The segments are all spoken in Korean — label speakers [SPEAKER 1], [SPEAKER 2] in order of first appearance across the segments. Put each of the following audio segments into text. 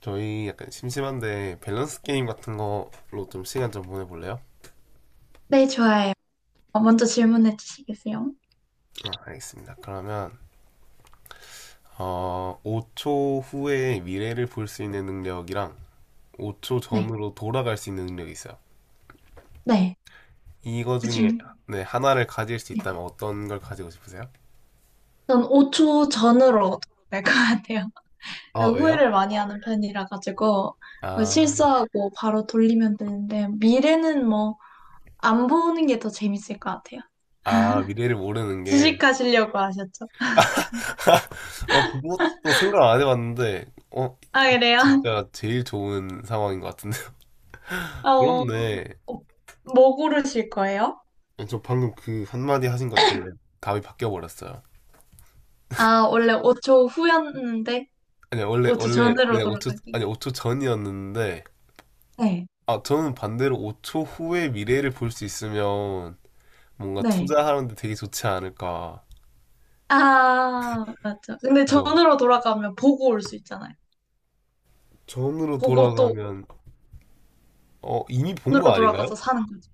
[SPEAKER 1] 저희 약간 심심한데 밸런스 게임 같은 거로 좀 시간 좀 보내볼래요?
[SPEAKER 2] 네, 좋아요. 먼저 질문해 주시겠어요?
[SPEAKER 1] 아, 알겠습니다. 그러면 5초 후에 미래를 볼 수 있는 능력이랑 5초
[SPEAKER 2] 네,
[SPEAKER 1] 전으로 돌아갈 수 있는 능력이 있어요.
[SPEAKER 2] 네.
[SPEAKER 1] 이거 중에
[SPEAKER 2] 그중,
[SPEAKER 1] 네, 하나를 가질 수
[SPEAKER 2] 네.
[SPEAKER 1] 있다면 어떤 걸 가지고 싶으세요?
[SPEAKER 2] 전 5초 전으로 될 것 같아요.
[SPEAKER 1] 아, 왜요?
[SPEAKER 2] 후회를 많이 하는 편이라 가지고 뭐
[SPEAKER 1] 아,
[SPEAKER 2] 실수하고 바로 돌리면 되는데 미래는 뭐 안 보는 게 더 재밌을 것 같아요.
[SPEAKER 1] 아, 미래를 모르는 게.
[SPEAKER 2] 주식하시려고 하셨죠?
[SPEAKER 1] 그것도 생각 안 해봤는데,
[SPEAKER 2] 아, 그래요?
[SPEAKER 1] 진짜 제일 좋은 상황인 것 같은데.
[SPEAKER 2] 어,
[SPEAKER 1] 그렇네.
[SPEAKER 2] 뭐 고르실 거예요?
[SPEAKER 1] 네, 저 방금 그 한마디 하신 것 때문에 답이 바뀌어 버렸어요.
[SPEAKER 2] 아, 원래 5초 후였는데
[SPEAKER 1] 아니, 원래
[SPEAKER 2] 5초
[SPEAKER 1] 원래
[SPEAKER 2] 전으로
[SPEAKER 1] 네, 5초,
[SPEAKER 2] 돌아가기.
[SPEAKER 1] 아니 5초 전이었는데.
[SPEAKER 2] 네,
[SPEAKER 1] 아, 저는 반대로 5초 후의 미래를 볼 수 있으면 뭔가
[SPEAKER 2] 네.
[SPEAKER 1] 투자하는데 되게 좋지 않을까.
[SPEAKER 2] 아, 맞죠. 근데
[SPEAKER 1] 그죠?
[SPEAKER 2] 전으로 돌아가면 보고 올 수 있잖아요.
[SPEAKER 1] 전으로
[SPEAKER 2] 보고 또
[SPEAKER 1] 돌아가면 이미 본 거
[SPEAKER 2] 전으로
[SPEAKER 1] 아닌가요?
[SPEAKER 2] 돌아가서 사는 거죠.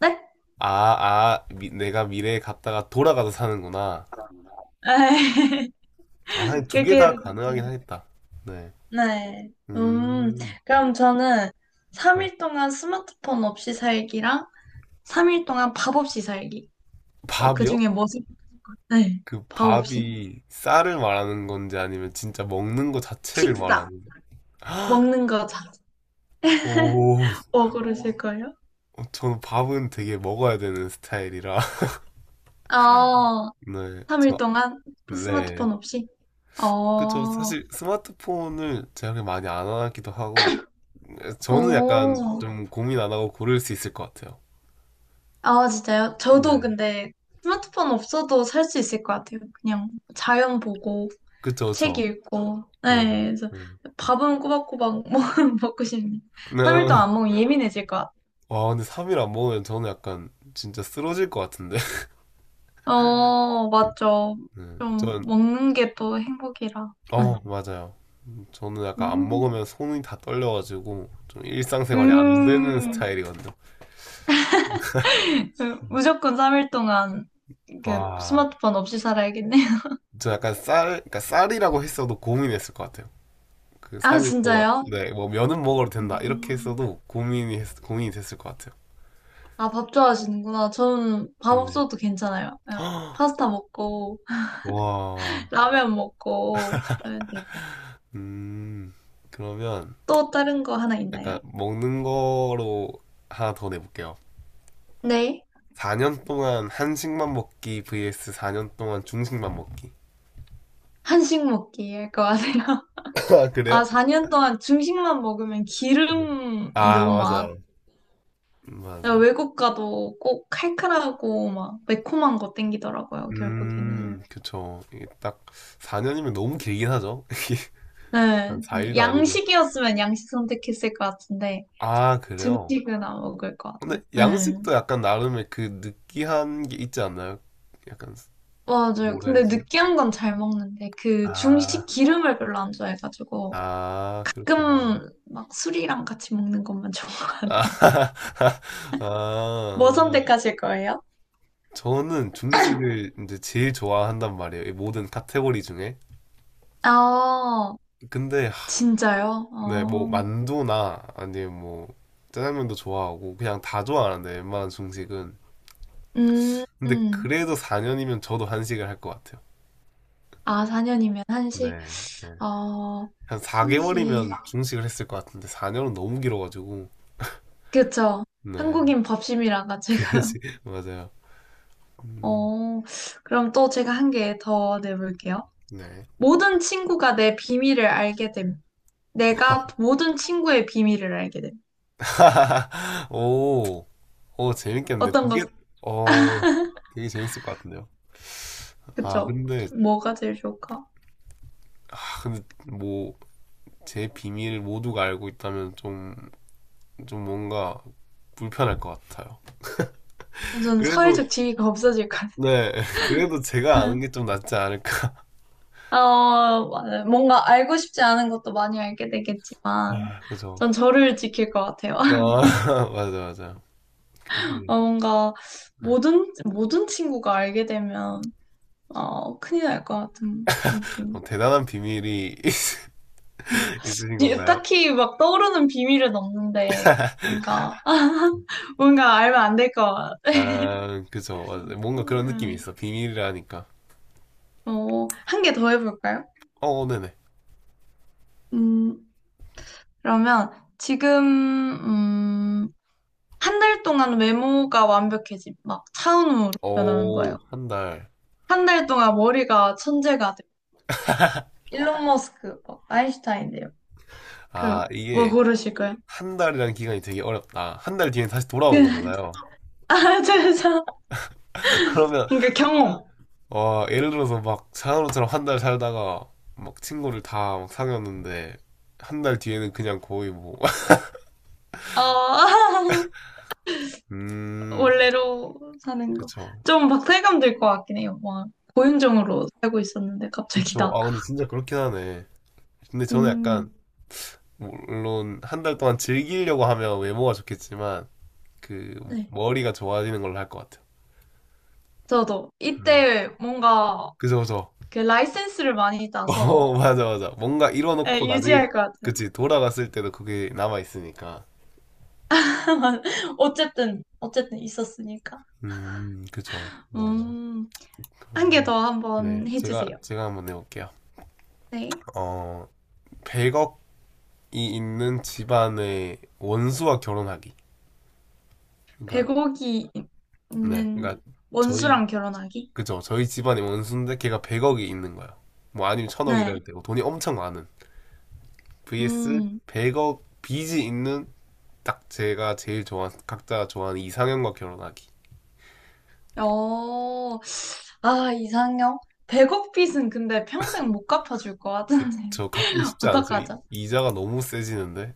[SPEAKER 2] 네?
[SPEAKER 1] 아, 내가 미래에 갔다가 돌아가서 사는구나.
[SPEAKER 2] 에이,
[SPEAKER 1] 아, 두 개
[SPEAKER 2] 그렇게 해도
[SPEAKER 1] 다 가능하긴
[SPEAKER 2] 괜찮아요.
[SPEAKER 1] 하겠다. 네.
[SPEAKER 2] 네.
[SPEAKER 1] 음.
[SPEAKER 2] 그럼 저는
[SPEAKER 1] 네.
[SPEAKER 2] 3일 동안 스마트폰 없이 살기랑 3일 동안 밥 없이 살기.
[SPEAKER 1] 밥이요?
[SPEAKER 2] 그중에 뭐지? 네,
[SPEAKER 1] 그
[SPEAKER 2] 밥 없이.
[SPEAKER 1] 밥이 쌀을 말하는 건지, 아니면 진짜 먹는 거 자체를
[SPEAKER 2] 식사,
[SPEAKER 1] 말하는.
[SPEAKER 2] 먹는 거 잘.
[SPEAKER 1] 오,
[SPEAKER 2] 뭐 고르실 거예요?
[SPEAKER 1] 저는 밥은 되게 먹어야 되는 스타일이라.
[SPEAKER 2] 어,
[SPEAKER 1] 네,
[SPEAKER 2] 3일
[SPEAKER 1] 저,
[SPEAKER 2] 동안
[SPEAKER 1] 네.
[SPEAKER 2] 스마트폰 없이?
[SPEAKER 1] 그쵸.
[SPEAKER 2] 어,
[SPEAKER 1] 사실 스마트폰을 제가 그렇게 많이 안 하기도 하고, 저는 약간
[SPEAKER 2] 오.
[SPEAKER 1] 좀 고민 안 하고 고를 수 있을 것 같아요.
[SPEAKER 2] 아, 진짜요? 저도
[SPEAKER 1] 네.
[SPEAKER 2] 근데 스마트폰 없어도 살 수 있을 것 같아요. 그냥 자연 보고,
[SPEAKER 1] 그쵸,
[SPEAKER 2] 책
[SPEAKER 1] 저
[SPEAKER 2] 읽고.
[SPEAKER 1] 맞아.
[SPEAKER 2] 네, 그래서
[SPEAKER 1] 음.
[SPEAKER 2] 밥은 꼬박꼬박 먹고 싶네.
[SPEAKER 1] 네.
[SPEAKER 2] 3일 동안 안 먹으면 예민해질 것 같아요.
[SPEAKER 1] 와, 근데 3일 안 먹으면 저는 약간 진짜 쓰러질 것 같은데.
[SPEAKER 2] 어, 맞죠.
[SPEAKER 1] 네.
[SPEAKER 2] 좀
[SPEAKER 1] 저
[SPEAKER 2] 먹는 게 또 행복이라. 네.
[SPEAKER 1] 맞아요. 저는 약간 안
[SPEAKER 2] 음,
[SPEAKER 1] 먹으면 손이 다 떨려가지고 좀 일상생활이 안 되는
[SPEAKER 2] 음,
[SPEAKER 1] 스타일이거든요.
[SPEAKER 2] 그 무조건 3일 동안 이렇게
[SPEAKER 1] 와,
[SPEAKER 2] 스마트폰 없이 살아야겠네요.
[SPEAKER 1] 저 약간 쌀, 그러니까 쌀이라고 했어도 고민했을 것 같아요. 그
[SPEAKER 2] 아,
[SPEAKER 1] 3일 동안,
[SPEAKER 2] 진짜요?
[SPEAKER 1] 네, 뭐 면은 먹어도 된다 이렇게
[SPEAKER 2] 음.
[SPEAKER 1] 했어도 고민이 됐을 것 같아요.
[SPEAKER 2] 아, 밥 좋아하시는구나. 저는 밥
[SPEAKER 1] 네.
[SPEAKER 2] 없어도 괜찮아요. 그냥 파스타 먹고,
[SPEAKER 1] 와,
[SPEAKER 2] 라면 먹고, 하면 되고.
[SPEAKER 1] 음, 그러면
[SPEAKER 2] 또 다른 거 하나
[SPEAKER 1] 약간
[SPEAKER 2] 있나요?
[SPEAKER 1] 먹는 거로 하나 더 내볼게요.
[SPEAKER 2] 네.
[SPEAKER 1] 4년 동안 한식만 먹기 vs 4년 동안 중식만 먹기.
[SPEAKER 2] 한식 먹기 할 거 아세요?
[SPEAKER 1] 아,
[SPEAKER 2] 아,
[SPEAKER 1] 그래요?
[SPEAKER 2] 4년 동안 중식만 먹으면
[SPEAKER 1] 네.
[SPEAKER 2] 기름이
[SPEAKER 1] 아,
[SPEAKER 2] 너무 많아.
[SPEAKER 1] 맞아요. 맞아.
[SPEAKER 2] 외국 가도 꼭 칼칼하고 막 매콤한 거 땡기더라고요, 결국에는.
[SPEAKER 1] 그쵸. 이게 딱 4년이면 너무 길긴 하죠. 이게 한
[SPEAKER 2] 네.
[SPEAKER 1] 4일도 아니고.
[SPEAKER 2] 양식이었으면 양식 선택했을 것 같은데,
[SPEAKER 1] 아, 그래요?
[SPEAKER 2] 중식은 안 먹을 것
[SPEAKER 1] 근데
[SPEAKER 2] 같아요. 네.
[SPEAKER 1] 양식도 약간 나름의 그 느끼한 게 있지 않나요? 약간,
[SPEAKER 2] 맞아요.
[SPEAKER 1] 뭐라
[SPEAKER 2] 근데
[SPEAKER 1] 해야지?
[SPEAKER 2] 느끼한 건 잘 먹는데 그 중식
[SPEAKER 1] 아,
[SPEAKER 2] 기름을 별로 안 좋아해가지고
[SPEAKER 1] 아, 그렇구나.
[SPEAKER 2] 가끔 막 술이랑 같이 먹는 것만 좋아.
[SPEAKER 1] 아,
[SPEAKER 2] 뭐
[SPEAKER 1] 아,
[SPEAKER 2] 선택하실 거예요?
[SPEAKER 1] 저는 중식을 이제 제일 좋아한단 말이에요. 이 모든 카테고리 중에.
[SPEAKER 2] 아,
[SPEAKER 1] 근데
[SPEAKER 2] 진짜요?
[SPEAKER 1] 네, 뭐
[SPEAKER 2] 어,
[SPEAKER 1] 만두나 아니면 뭐 짜장면도 좋아하고 그냥 다 좋아하는데, 웬만한 중식은.
[SPEAKER 2] 음,
[SPEAKER 1] 근데
[SPEAKER 2] 음.
[SPEAKER 1] 그래도 4년이면 저도 한식을 할 것 같아요.
[SPEAKER 2] 아, 4년이면
[SPEAKER 1] 네,
[SPEAKER 2] 한식?
[SPEAKER 1] 네.
[SPEAKER 2] 어,
[SPEAKER 1] 한
[SPEAKER 2] 한식.
[SPEAKER 1] 4개월이면 중식을 했을 것 같은데 4년은 너무 길어가지고.
[SPEAKER 2] 그쵸.
[SPEAKER 1] 네,
[SPEAKER 2] 한국인 밥심이라가 제가.
[SPEAKER 1] 그래서 맞아요. 음,
[SPEAKER 2] 어, 그럼 또 제가 한 개 더 내볼게요.
[SPEAKER 1] 네.
[SPEAKER 2] 모든 친구가 내 비밀을 알게 됨. 내가 모든 친구의 비밀을 알게 됨.
[SPEAKER 1] 오, 오 재밌겠는데,
[SPEAKER 2] 어떤 거
[SPEAKER 1] 어 되게 재밌을 것 같은데요. 아
[SPEAKER 2] 그쵸?
[SPEAKER 1] 근데
[SPEAKER 2] 뭐가 제일 좋을까?
[SPEAKER 1] 아 근데 뭐 제 비밀을 모두가 알고 있다면 좀 뭔가 불편할 것 같아요.
[SPEAKER 2] 저는
[SPEAKER 1] 그래도
[SPEAKER 2] 사회적 지위가 없어질 것 같아요.
[SPEAKER 1] 네, 그래도 제가 아는 게 좀 낫지 않을까.
[SPEAKER 2] 어, 맞아요. 뭔가 알고 싶지 않은 것도 많이 알게 되겠지만,
[SPEAKER 1] 와, 그래서
[SPEAKER 2] 전 저를 지킬 것 같아요.
[SPEAKER 1] 아, 맞아, 맞아. 그,
[SPEAKER 2] 어, 뭔가 모든 친구가 알게 되면, 어, 큰일 날 것 같은 느낌.
[SPEAKER 1] 대단한 비밀이
[SPEAKER 2] 아,
[SPEAKER 1] 있으신 건가요?
[SPEAKER 2] 딱히 막 떠오르는 비밀은 없는데, 뭔가, 뭔가 알면 안 될 것 같아요.
[SPEAKER 1] 아, 그죠. 맞아요. 뭔가 그런 느낌이
[SPEAKER 2] 음,
[SPEAKER 1] 있어. 비밀이라니까.
[SPEAKER 2] 어, 한 개 더 해볼까요?
[SPEAKER 1] 네네.
[SPEAKER 2] 음, 그러면 지금, 음, 한 달 동안 외모가 완벽해짐. 막 차은우로 변하는 거예요.
[SPEAKER 1] 오, 한 달.
[SPEAKER 2] 한 달 동안 머리가 천재가 돼. 일론 머스크, 막 아인슈타인 돼요.
[SPEAKER 1] 아,
[SPEAKER 2] 그럼 뭐
[SPEAKER 1] 이게
[SPEAKER 2] 고르실 거예요?
[SPEAKER 1] 한 달이라는 기간이 되게 어렵다. 한 달 뒤엔 다시 돌아오는 거잖아요.
[SPEAKER 2] 아, 죄송.
[SPEAKER 1] 그러면
[SPEAKER 2] 그러니까 경험.
[SPEAKER 1] 와, 예를 들어서 막 사나로처럼 한 달 살다가 막 친구를 다 막 사귀었는데 한 달 뒤에는 그냥 거의 뭐.
[SPEAKER 2] 어,
[SPEAKER 1] 음,
[SPEAKER 2] 원래로 사는 거.
[SPEAKER 1] 그쵸.
[SPEAKER 2] 좀 박탈감 들 것 같긴 해요. 막 고윤정으로 살고 있었는데 갑자기
[SPEAKER 1] 그쵸.
[SPEAKER 2] 나.
[SPEAKER 1] 아, 근데 진짜 그렇긴 하네. 근데 저는 약간,
[SPEAKER 2] 음,
[SPEAKER 1] 물론 한 달 동안 즐기려고 하면 외모가 좋겠지만 그
[SPEAKER 2] 네.
[SPEAKER 1] 머리가 좋아지는 걸로 할 것 같아요.
[SPEAKER 2] 저도
[SPEAKER 1] 음.
[SPEAKER 2] 이때 뭔가
[SPEAKER 1] 그죠, 그죠.
[SPEAKER 2] 그 라이센스를 많이 따서
[SPEAKER 1] 맞아, 맞아. 뭔가
[SPEAKER 2] 예,
[SPEAKER 1] 이뤄놓고 나중에
[SPEAKER 2] 유지할 것 같아요.
[SPEAKER 1] 그치 돌아갔을 때도 그게 남아 있으니까.
[SPEAKER 2] 어쨌든 있었으니까.
[SPEAKER 1] 그쵸. 맞아.
[SPEAKER 2] 음, 한 개
[SPEAKER 1] 그러면
[SPEAKER 2] 더
[SPEAKER 1] 네,
[SPEAKER 2] 한번
[SPEAKER 1] 제가
[SPEAKER 2] 해주세요.
[SPEAKER 1] 제가 한번 내볼게요.
[SPEAKER 2] 네.
[SPEAKER 1] 어 100억이 있는 집안의 원수와 결혼하기.
[SPEAKER 2] 백
[SPEAKER 1] 그러니까
[SPEAKER 2] 억이
[SPEAKER 1] 네,
[SPEAKER 2] 있는
[SPEAKER 1] 그러니까 저희
[SPEAKER 2] 원수랑 결혼하기?
[SPEAKER 1] 그죠? 저희 집안의 원수인데 걔가 100억이 있는 거야. 뭐 아니면
[SPEAKER 2] 네.
[SPEAKER 1] 1000억이라도 되고 돈이 엄청 많은 vs
[SPEAKER 2] 음,
[SPEAKER 1] 100억 빚이 있는, 딱 제가 제일 좋아하는, 각자 좋아하는 이상형과 결혼하기.
[SPEAKER 2] 어, 아, 이상형? 100억 빚은 근데 평생 못 갚아줄 것 같은데.
[SPEAKER 1] 저 갖기 쉽지 않죠.
[SPEAKER 2] 어떡하죠?
[SPEAKER 1] 이자가 너무 세지는데.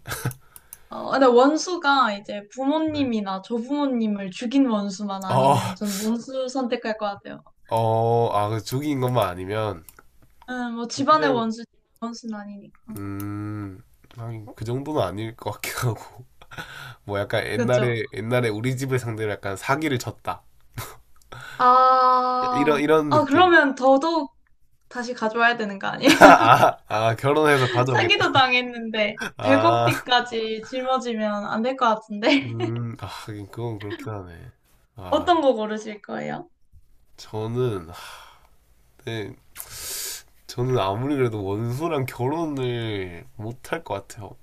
[SPEAKER 2] 어, 근데 원수가 이제
[SPEAKER 1] 네.
[SPEAKER 2] 부모님이나 조부모님을 죽인 원수만
[SPEAKER 1] 어,
[SPEAKER 2] 아니면 저는 원수 선택할 것 같아요.
[SPEAKER 1] 아, 그 죽인 것만 아니면,
[SPEAKER 2] 뭐 집안의
[SPEAKER 1] 그냥
[SPEAKER 2] 원수, 원수는 아니니까.
[SPEAKER 1] 음, 하긴 그 정도는 아닐 것 같긴 하고. 뭐 약간
[SPEAKER 2] 그렇죠.
[SPEAKER 1] 옛날에 우리 집을 상대로 약간 사기를 쳤다. 이런
[SPEAKER 2] 아,
[SPEAKER 1] 이런 느낌.
[SPEAKER 2] 그러면 더더욱 다시 가져와야 되는 거 아니에요?
[SPEAKER 1] 아, 결혼해서
[SPEAKER 2] 사기도
[SPEAKER 1] 가져오겠다.
[SPEAKER 2] 당했는데
[SPEAKER 1] 아,
[SPEAKER 2] 100억비까지 짊어지면 안 될 것 같은데.
[SPEAKER 1] 하긴 그건 그렇긴 하네. 아,
[SPEAKER 2] 어떤 거 고르실 거예요?
[SPEAKER 1] 저는 아, 네, 저는 아무리 그래도 원수랑 결혼을 못할 것 같아요.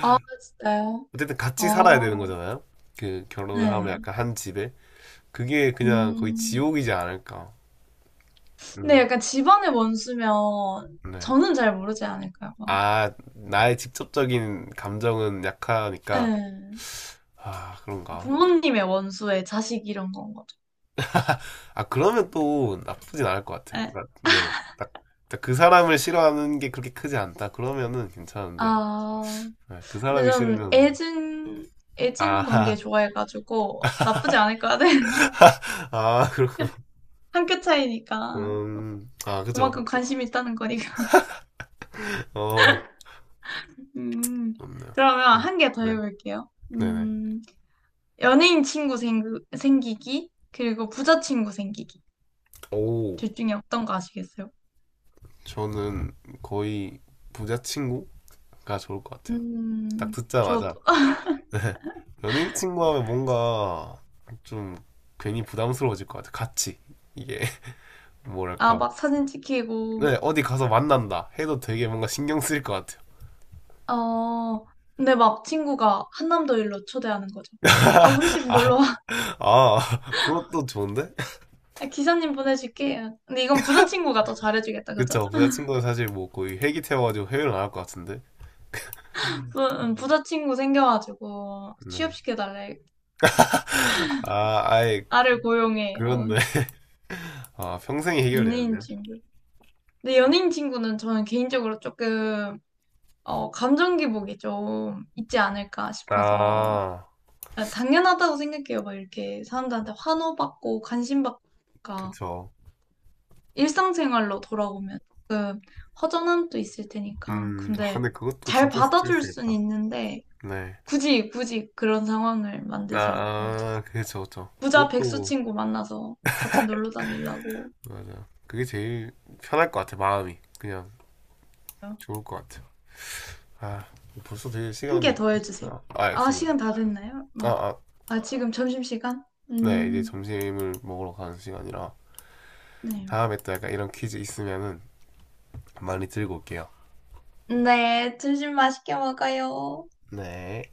[SPEAKER 2] 아, 진짜요?
[SPEAKER 1] 어쨌든 같이 살아야 되는
[SPEAKER 2] 어,
[SPEAKER 1] 거잖아요. 그 결혼을 하면
[SPEAKER 2] 네.
[SPEAKER 1] 약간 한 집에, 그게 그냥 거의
[SPEAKER 2] 음,
[SPEAKER 1] 지옥이지 않을까.
[SPEAKER 2] 근데
[SPEAKER 1] 음,
[SPEAKER 2] 약간 집안의 원수면
[SPEAKER 1] 네.
[SPEAKER 2] 저는 잘 모르지 않을까요? 막.
[SPEAKER 1] 아, 나의 직접적인 감정은 약하니까.
[SPEAKER 2] 네.
[SPEAKER 1] 아, 그런가.
[SPEAKER 2] 부모님의 원수에 자식 이런 건 거죠.
[SPEAKER 1] 아, 그러면 또 나쁘진 않을 것 같아요.
[SPEAKER 2] 네.
[SPEAKER 1] 그러니까, 네. 딱, 딱그 사람을 싫어하는 게 그렇게 크지 않다. 그러면은 괜찮은데.
[SPEAKER 2] 아.
[SPEAKER 1] 네, 그
[SPEAKER 2] 근데
[SPEAKER 1] 사람이
[SPEAKER 2] 전
[SPEAKER 1] 싫으면.
[SPEAKER 2] 애증 관계
[SPEAKER 1] 아,
[SPEAKER 2] 좋아해가지고 나쁘지 않을 것 같아.
[SPEAKER 1] 아, 그렇군.
[SPEAKER 2] 한 끗 차이니까.
[SPEAKER 1] 그죠.
[SPEAKER 2] 그만큼 관심이 있다는 거니까.
[SPEAKER 1] 어,
[SPEAKER 2] 음,
[SPEAKER 1] 좋네요.
[SPEAKER 2] 그러면 한 개 더
[SPEAKER 1] 네,
[SPEAKER 2] 해볼게요.
[SPEAKER 1] 네네.
[SPEAKER 2] 연예인 생기기, 그리고 부자 친구 생기기.
[SPEAKER 1] 오,
[SPEAKER 2] 둘 중에 어떤 거 아시겠어요?
[SPEAKER 1] 저는 거의 부자 친구가 좋을 것 같아요. 딱
[SPEAKER 2] 저도,
[SPEAKER 1] 듣자마자. 네. 연예인 친구 하면 뭔가 좀 괜히 부담스러워질 것 같아요. 같이. 이게,
[SPEAKER 2] 아,
[SPEAKER 1] 뭐랄까.
[SPEAKER 2] 막 사진 찍히고,
[SPEAKER 1] 네, 어디 가서 만난다 해도 되게 뭔가 신경 쓰일 것 같아요.
[SPEAKER 2] 어, 근데 막 친구가 한남도 일로 초대하는 거죠. 아, 우리 집
[SPEAKER 1] 아,
[SPEAKER 2] 놀러
[SPEAKER 1] 아, 그것도 좋은데?
[SPEAKER 2] 아, 기사님 보내줄게요. 근데 이건 부자친구가 더 잘해주겠다, 그죠?
[SPEAKER 1] 그쵸, 부자친구는 사실 뭐 거의 회기 태워가지고 회외를 안 할 것 같은데.
[SPEAKER 2] 부, 부자친구 생겨가지고
[SPEAKER 1] 네.
[SPEAKER 2] 취업시켜달래.
[SPEAKER 1] 아, 아예,
[SPEAKER 2] 나를 고용해. 아,
[SPEAKER 1] 그런데. 아, 평생이 해결돼야
[SPEAKER 2] 연예인
[SPEAKER 1] 돼요?
[SPEAKER 2] 친구. 근데 연예인 친구는 저는 개인적으로 조금 어, 감정 기복이 좀 있지 않을까 싶어서
[SPEAKER 1] 아,
[SPEAKER 2] 아, 당연하다고 생각해요. 막 이렇게 사람들한테 환호받고 관심받고 그러니까
[SPEAKER 1] 그쵸.
[SPEAKER 2] 일상생활로 돌아오면 조금 허전함도 있을 테니까. 근데
[SPEAKER 1] 근데 그것도
[SPEAKER 2] 잘
[SPEAKER 1] 진짜
[SPEAKER 2] 받아줄 순
[SPEAKER 1] 스트레스겠다.
[SPEAKER 2] 있는데
[SPEAKER 1] 네.
[SPEAKER 2] 굳이 그런 상황을
[SPEAKER 1] 아,
[SPEAKER 2] 만들지 않고 이제
[SPEAKER 1] 아, 그쵸, 그쵸.
[SPEAKER 2] 부자 백수
[SPEAKER 1] 그것도,
[SPEAKER 2] 친구 만나서 같이 놀러 다니려고
[SPEAKER 1] 맞아요. 그게 제일 편할 것 같아, 마음이. 그냥 좋을 것 같아요. 아, 벌써 되게
[SPEAKER 2] 한 개
[SPEAKER 1] 시간이.
[SPEAKER 2] 더 해주세요.
[SPEAKER 1] 아,
[SPEAKER 2] 아,
[SPEAKER 1] 알겠습니다.
[SPEAKER 2] 시간 다 됐나요?
[SPEAKER 1] 아,
[SPEAKER 2] 뭐,
[SPEAKER 1] 아.
[SPEAKER 2] 아, 지금 점심시간?
[SPEAKER 1] 네, 이제
[SPEAKER 2] 음,
[SPEAKER 1] 점심을 먹으러 가는 시간이라
[SPEAKER 2] 네.
[SPEAKER 1] 다음에 또 약간 이런 퀴즈 있으면은 많이 들고 올게요.
[SPEAKER 2] 네, 점심 맛있게 먹어요.
[SPEAKER 1] 네.